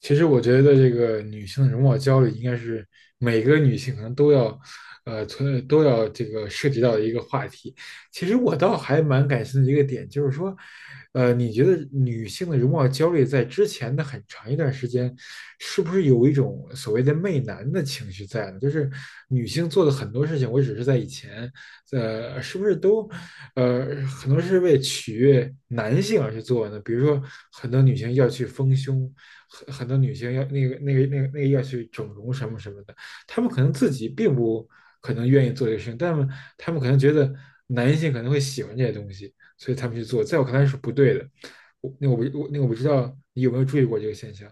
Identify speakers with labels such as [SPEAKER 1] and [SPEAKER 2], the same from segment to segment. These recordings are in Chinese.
[SPEAKER 1] 其实我觉得这个女性的容貌焦虑应该是每个女性可能都要，都要这个涉及到的一个话题。其实我倒还蛮感兴趣的一个点，就是说，你觉得女性的容貌焦虑在之前的很长一段时间，是不是有一种所谓的媚男的情绪在呢？就是女性做的很多事情，我只是在以前，是不是都，很多是为取悦男性而去做呢？比如说，很多女性要去丰胸。很多女性要那个要去整容什么什么的，她们可能自己并不可能愿意做这个事情，但是她们可能觉得男性可能会喜欢这些东西，所以他们去做，在我看来是不对的。我那个我我那个我不知道你有没有注意过这个现象？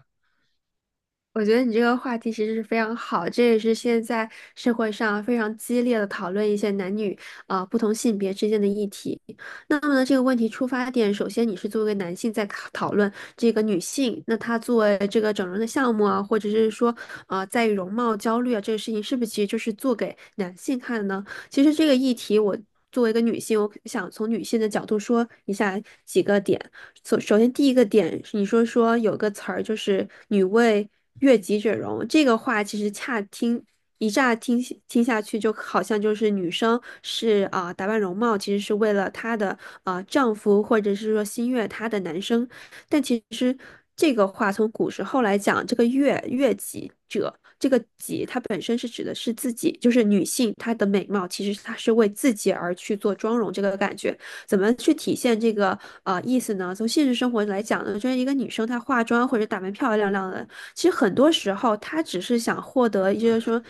[SPEAKER 2] 我觉得你这个话题其实是非常好，这也是现在社会上非常激烈的讨论一些男女不同性别之间的议题。那么呢，这个问题出发点，首先你是作为一个男性在考讨论这个女性，那她作为这个整容的项目啊，或者是说啊在于容貌焦虑啊这个事情，是不是其实就是做给男性看的呢？其实这个议题，我作为一个女性，我想从女性的角度说一下几个点。首先，第一个点你说有个词儿就是“女为悦己者容”，这个话其实恰听一乍听听下去，就好像就是女生是打扮容貌，其实是为了她的丈夫或者是说心悦她的男生。但其实这个话从古时候来讲，这个悦己者，这个己它本身是指的是自己，就是女性她的美貌，其实她是为自己而去做妆容这个感觉。怎么去体现这个意思呢？从现实生活来讲呢，就是一个女生她化妆或者打扮漂漂亮亮的，其实很多时候她只是想获得，一些说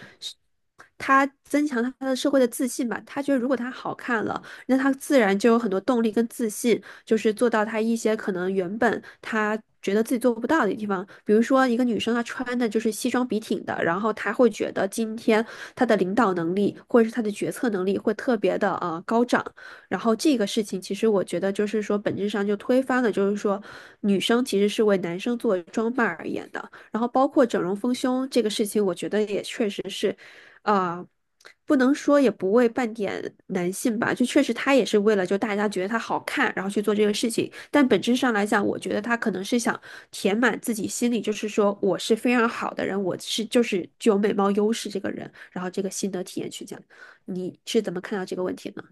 [SPEAKER 2] 她增强她的社会的自信吧，她觉得如果她好看了，那她自然就有很多动力跟自信，就是做到她一些可能原本她觉得自己做不到的地方，比如说一个女生她穿的就是西装笔挺的，然后她会觉得今天她的领导能力或者是她的决策能力会特别的高涨，然后这个事情其实我觉得就是说本质上就推翻了，就是说女生其实是为男生做装扮而言的，然后包括整容丰胸这个事情，我觉得也确实是啊，不能说也不为半点男性吧，就确实他也是为了就大家觉得他好看，然后去做这个事情。但本质上来讲，我觉得他可能是想填满自己心里，就是说我是非常好的人，我是就是具有美貌优势这个人，然后这个心得体验去讲。你是怎么看到这个问题呢？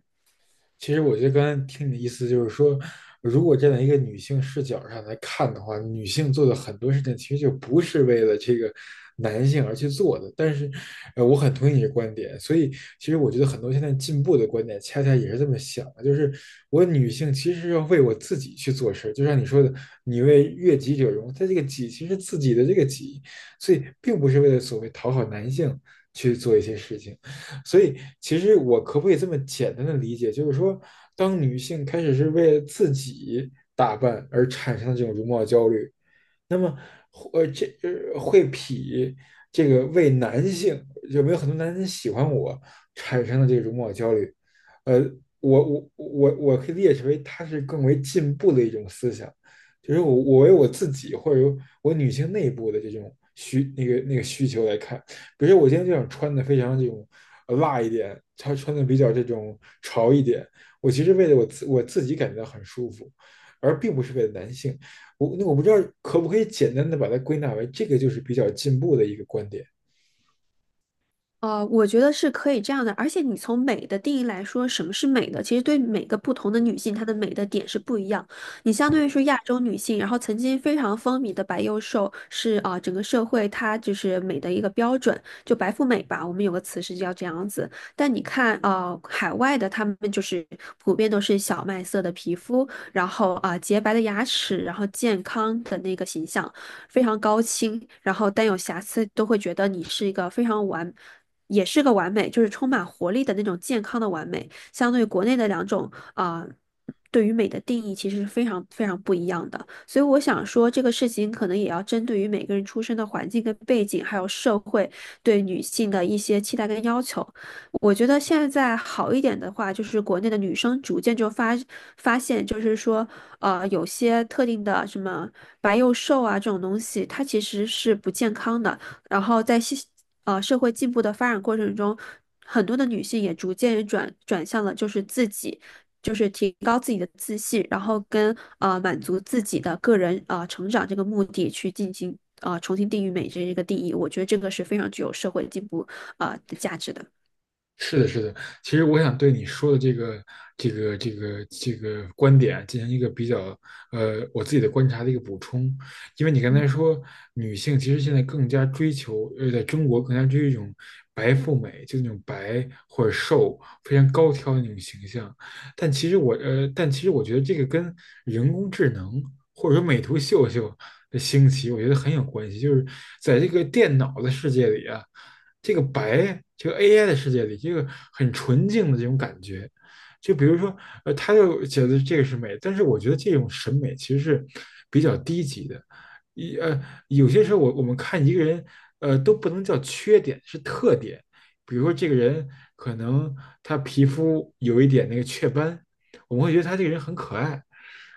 [SPEAKER 1] 其实我觉得刚才听你的意思就是说，如果站在一个女性视角上来看的话，女性做的很多事情其实就不是为了这个男性而去做的。但是，我很同意你的观点，所以其实我觉得很多现在进步的观点恰恰也是这么想的，就是我女性其实要为我自己去做事，就像你说的，你为悦己者容，她这个己其实自己的这个己，所以并不是为了所谓讨好男性去做一些事情。所以，其实我可不可以这么简单的理解，就是说，当女性开始是为了自己打扮而产生的这种容貌焦虑，那么，呃，这会比这个为男性有没有很多男人喜欢我产生的这种容貌焦虑，呃，我可以列解成为它是更为进步的一种思想，就是我为我自己或者我女性内部的这种需那个那个需求来看，比如说我今天就想穿的非常这种辣一点，她穿的比较这种潮一点，我其实为了我自己感觉到很舒服，而并不是为了男性。我不知道可不可以简单的把它归纳为这个就是比较进步的一个观点，
[SPEAKER 2] 我觉得是可以这样的，而且你从美的定义来说，什么是美的？其实对每个不同的女性，她的美的点是不一样。你相对于说亚洲女性，然后曾经非常风靡的白幼瘦是整个社会它就是美的一个标准，就白富美吧，我们有个词是叫这样子。但你看海外的她们就是普遍都是小麦色的皮肤，然后洁白的牙齿，然后健康的那个形象，非常高清，然后但有瑕疵都会觉得你是一个非常完。也是个完美，就是充满活力的那种健康的完美，相对于国内的两种对于美的定义其实是非常非常不一样的。所以我想说，这个事情可能也要针对于每个人出生的环境跟背景，还有社会对女性的一些期待跟要求。我觉得现在好一点的话，就是国内的女生逐渐就发现，就是说，有些特定的什么白幼瘦啊这种东西，它其实是不健康的。然后在社会进步的发展过程中，很多的女性也逐渐转向了就是自己，就是提高自己的自信，然后跟满足自己的个人啊成长这个目的去进行重新定义美这一个定义。我觉得这个是非常具有社会进步的价值的。
[SPEAKER 1] 是的，是的。其实我想对你说的这个观点进行一个比较，我自己的观察的一个补充。因为你刚才说，女性其实现在更加追求，在中国更加追求一种白富美，就那种白或者瘦、非常高挑的那种形象。但其实我觉得这个跟人工智能或者说美图秀秀的兴起，我觉得很有关系。就是在这个电脑的世界里啊。这个白，这个 AI 的世界里，这个很纯净的这种感觉。就比如说，他就觉得这个是美，但是我觉得这种审美其实是比较低级的。一呃，有些时候我们看一个人，都不能叫缺点，是特点。比如说这个人可能他皮肤有一点那个雀斑，我们会觉得他这个人很可爱，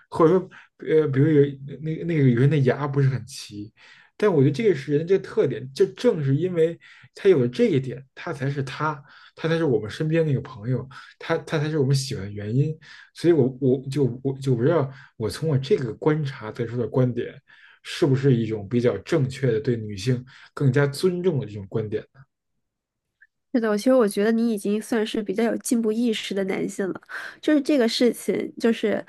[SPEAKER 1] 或者说，比如有那个有人的牙不是很齐，但我觉得这个是人的这个特点，就正是因为他有了这一点，他才是他，他才是我们身边那个朋友，他才是我们喜欢的原因。所以我，我就不知道，我从我这个观察得出的观点，是不是一种比较正确的对女性更加尊重的这种观点？
[SPEAKER 2] 是的，其实我觉得你已经算是比较有进步意识的男性了。就是这个事情，就是，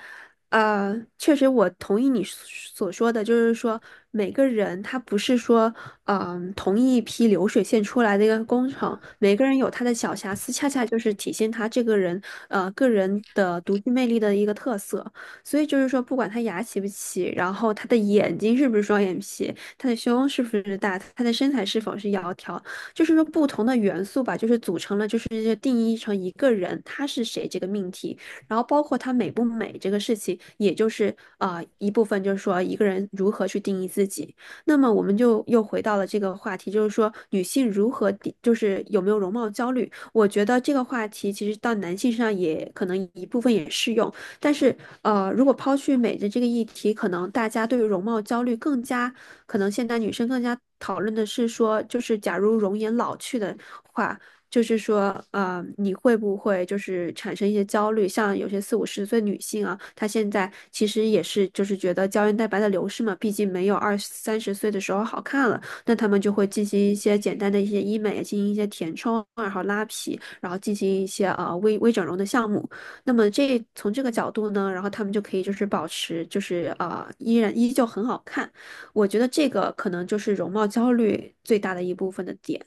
[SPEAKER 2] 确实我同意你所说的，就是说每个人他不是说，同一批流水线出来的一个工程，每个人有他的小瑕疵，恰恰就是体现他这个人，个人的独具魅力的一个特色。所以就是说，不管他牙齐不齐，然后他的眼睛是不是双眼皮，他的胸是不是大，他的身材是否是窈窕。就是说不同的元素吧，就是组成了，就是定义成一个人他是谁这个命题，然后包括他美不美这个事情，也就是一部分就是说一个人如何去定义自己。那么我们就又回到了这个话题，就是说女性如何定，就是有没有容貌焦虑？我觉得这个话题其实到男性身上也可能一部分也适用，但是，如果抛去美的这个议题，可能大家对于容貌焦虑更加，可能现在女生更加讨论的是说，就是假如容颜老去的话，就是说，你会不会就是产生一些焦虑？像有些四五十岁女性啊，她现在其实也是就是觉得胶原蛋白的流失嘛，毕竟没有二三十岁的时候好看了，那她们就会进行一些简单的一些医美，进行一些填充，然后拉皮，然后进行一些微微整容的项目。那么这从这个角度呢，然后他们就可以就是保持就是依然依旧很好看。我觉得这个可能就是容貌焦虑最大的一部分的点。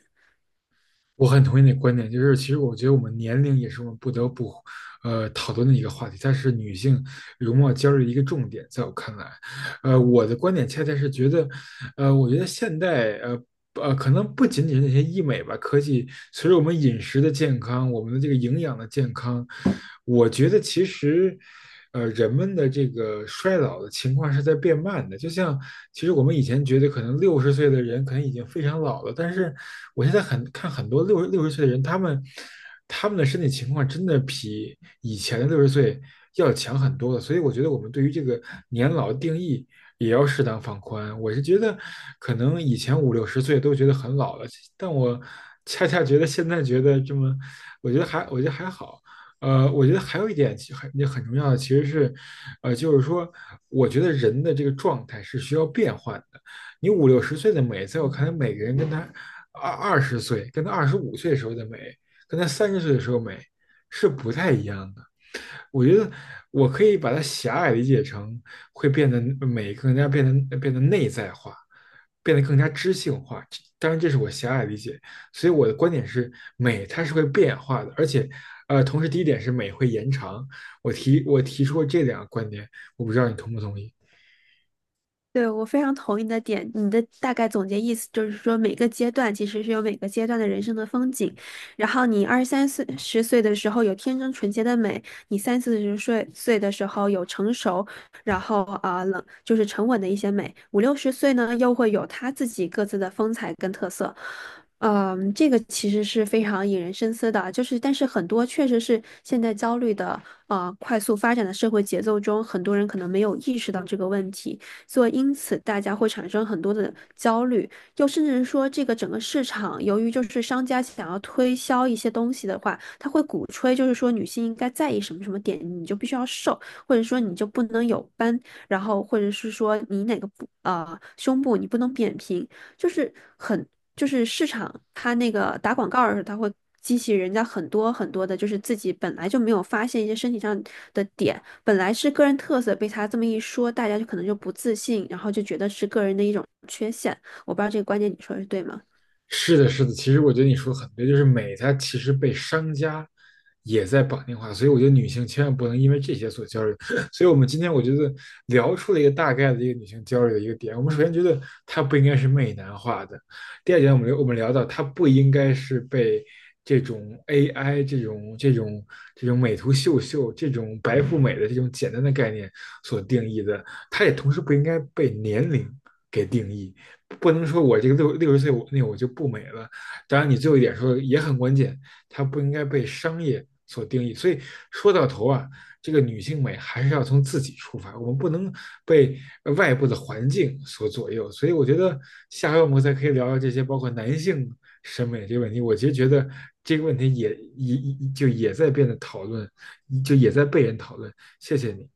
[SPEAKER 1] 我很同意你的观点，就是其实我觉得我们年龄也是我们不得不，讨论的一个话题，它是女性容貌焦虑的一个重点，在我看来，我的观点恰恰是觉得，我觉得现代可能不仅仅是那些医美吧，科技随着我们饮食的健康，我们的这个营养的健康，我觉得其实，人们的这个衰老的情况是在变慢的。就像其实我们以前觉得可能六十岁的人可能已经非常老了，但是我现在很看很多六十岁的人，他们的身体情况真的比以前的六十岁要强很多了，所以我觉得我们对于这个年老定义也要适当放宽。我是觉得，可能以前五六十岁都觉得很老了，但我恰恰觉得现在觉得这么，我觉得还好。我觉得还有一点其实很也很重要的，其实是，呃，就是说，我觉得人的这个状态是需要变换的。你五六十岁的美，在我看来，每个人跟他二十岁、跟他二十五岁时候的美跟她三十岁的时候美是不太一样的。我觉得我可以把它狭隘理解成会变得美更加变得内在化，变得更加知性化。当然，这是我狭隘理解。所以我的观点是，美它是会变化的，而且，同时第一点是美会延长。我提出过这两个观点，我不知道你同不同意。
[SPEAKER 2] 对，我非常同意你的点，你的大概总结意思就是说，每个阶段其实是有每个阶段的人生的风景。然后你二三岁十岁的时候有天真纯洁的美，你三四十岁的时候有成熟，然后就是沉稳的一些美。五六十岁呢，又会有他自己各自的风采跟特色。嗯，这个其实是非常引人深思的，就是但是很多确实是现在焦虑的啊快速发展的社会节奏中，很多人可能没有意识到这个问题。所以因此大家会产生很多的焦虑，又甚至是说这个整个市场，由于就是商家想要推销一些东西的话，他会鼓吹就是说女性应该在意什么什么点，你就必须要瘦，或者说你就不能有斑，然后或者是说你哪个胸部你不能扁平，就是很就是市场它那个打广告的时候，它会激起人家很多很多的，就是自己本来就没有发现一些身体上的点，本来是个人特色，被他这么一说，大家就可能就不自信，然后就觉得是个人的一种缺陷。我不知道这个观点你说的是对吗？
[SPEAKER 1] 是的，是的，其实我觉得你说的很对，就是美它其实被商家也在绑定化，所以我觉得女性千万不能因为这些所焦虑。所以我们今天我觉得聊出了一个大概的一个女性焦虑的一个点。我们首先觉得它不应该是媚男化的，第二点我们聊到它不应该是被这种 AI 这种美图秀秀这种白富美的这种简单的概念所定义的，它也同时不应该被年龄给定义。不能说我这个六十岁我就不美了。当然，你最后一点说也很关键，它不应该被商业所定义。所以说到头啊，这个女性美还是要从自己出发，我们不能被外部的环境所左右。所以我觉得下回我们再可以聊聊这些，包括男性审美这个问题。我其实觉得这个问题也在变得讨论，就也在被人讨论。谢谢你。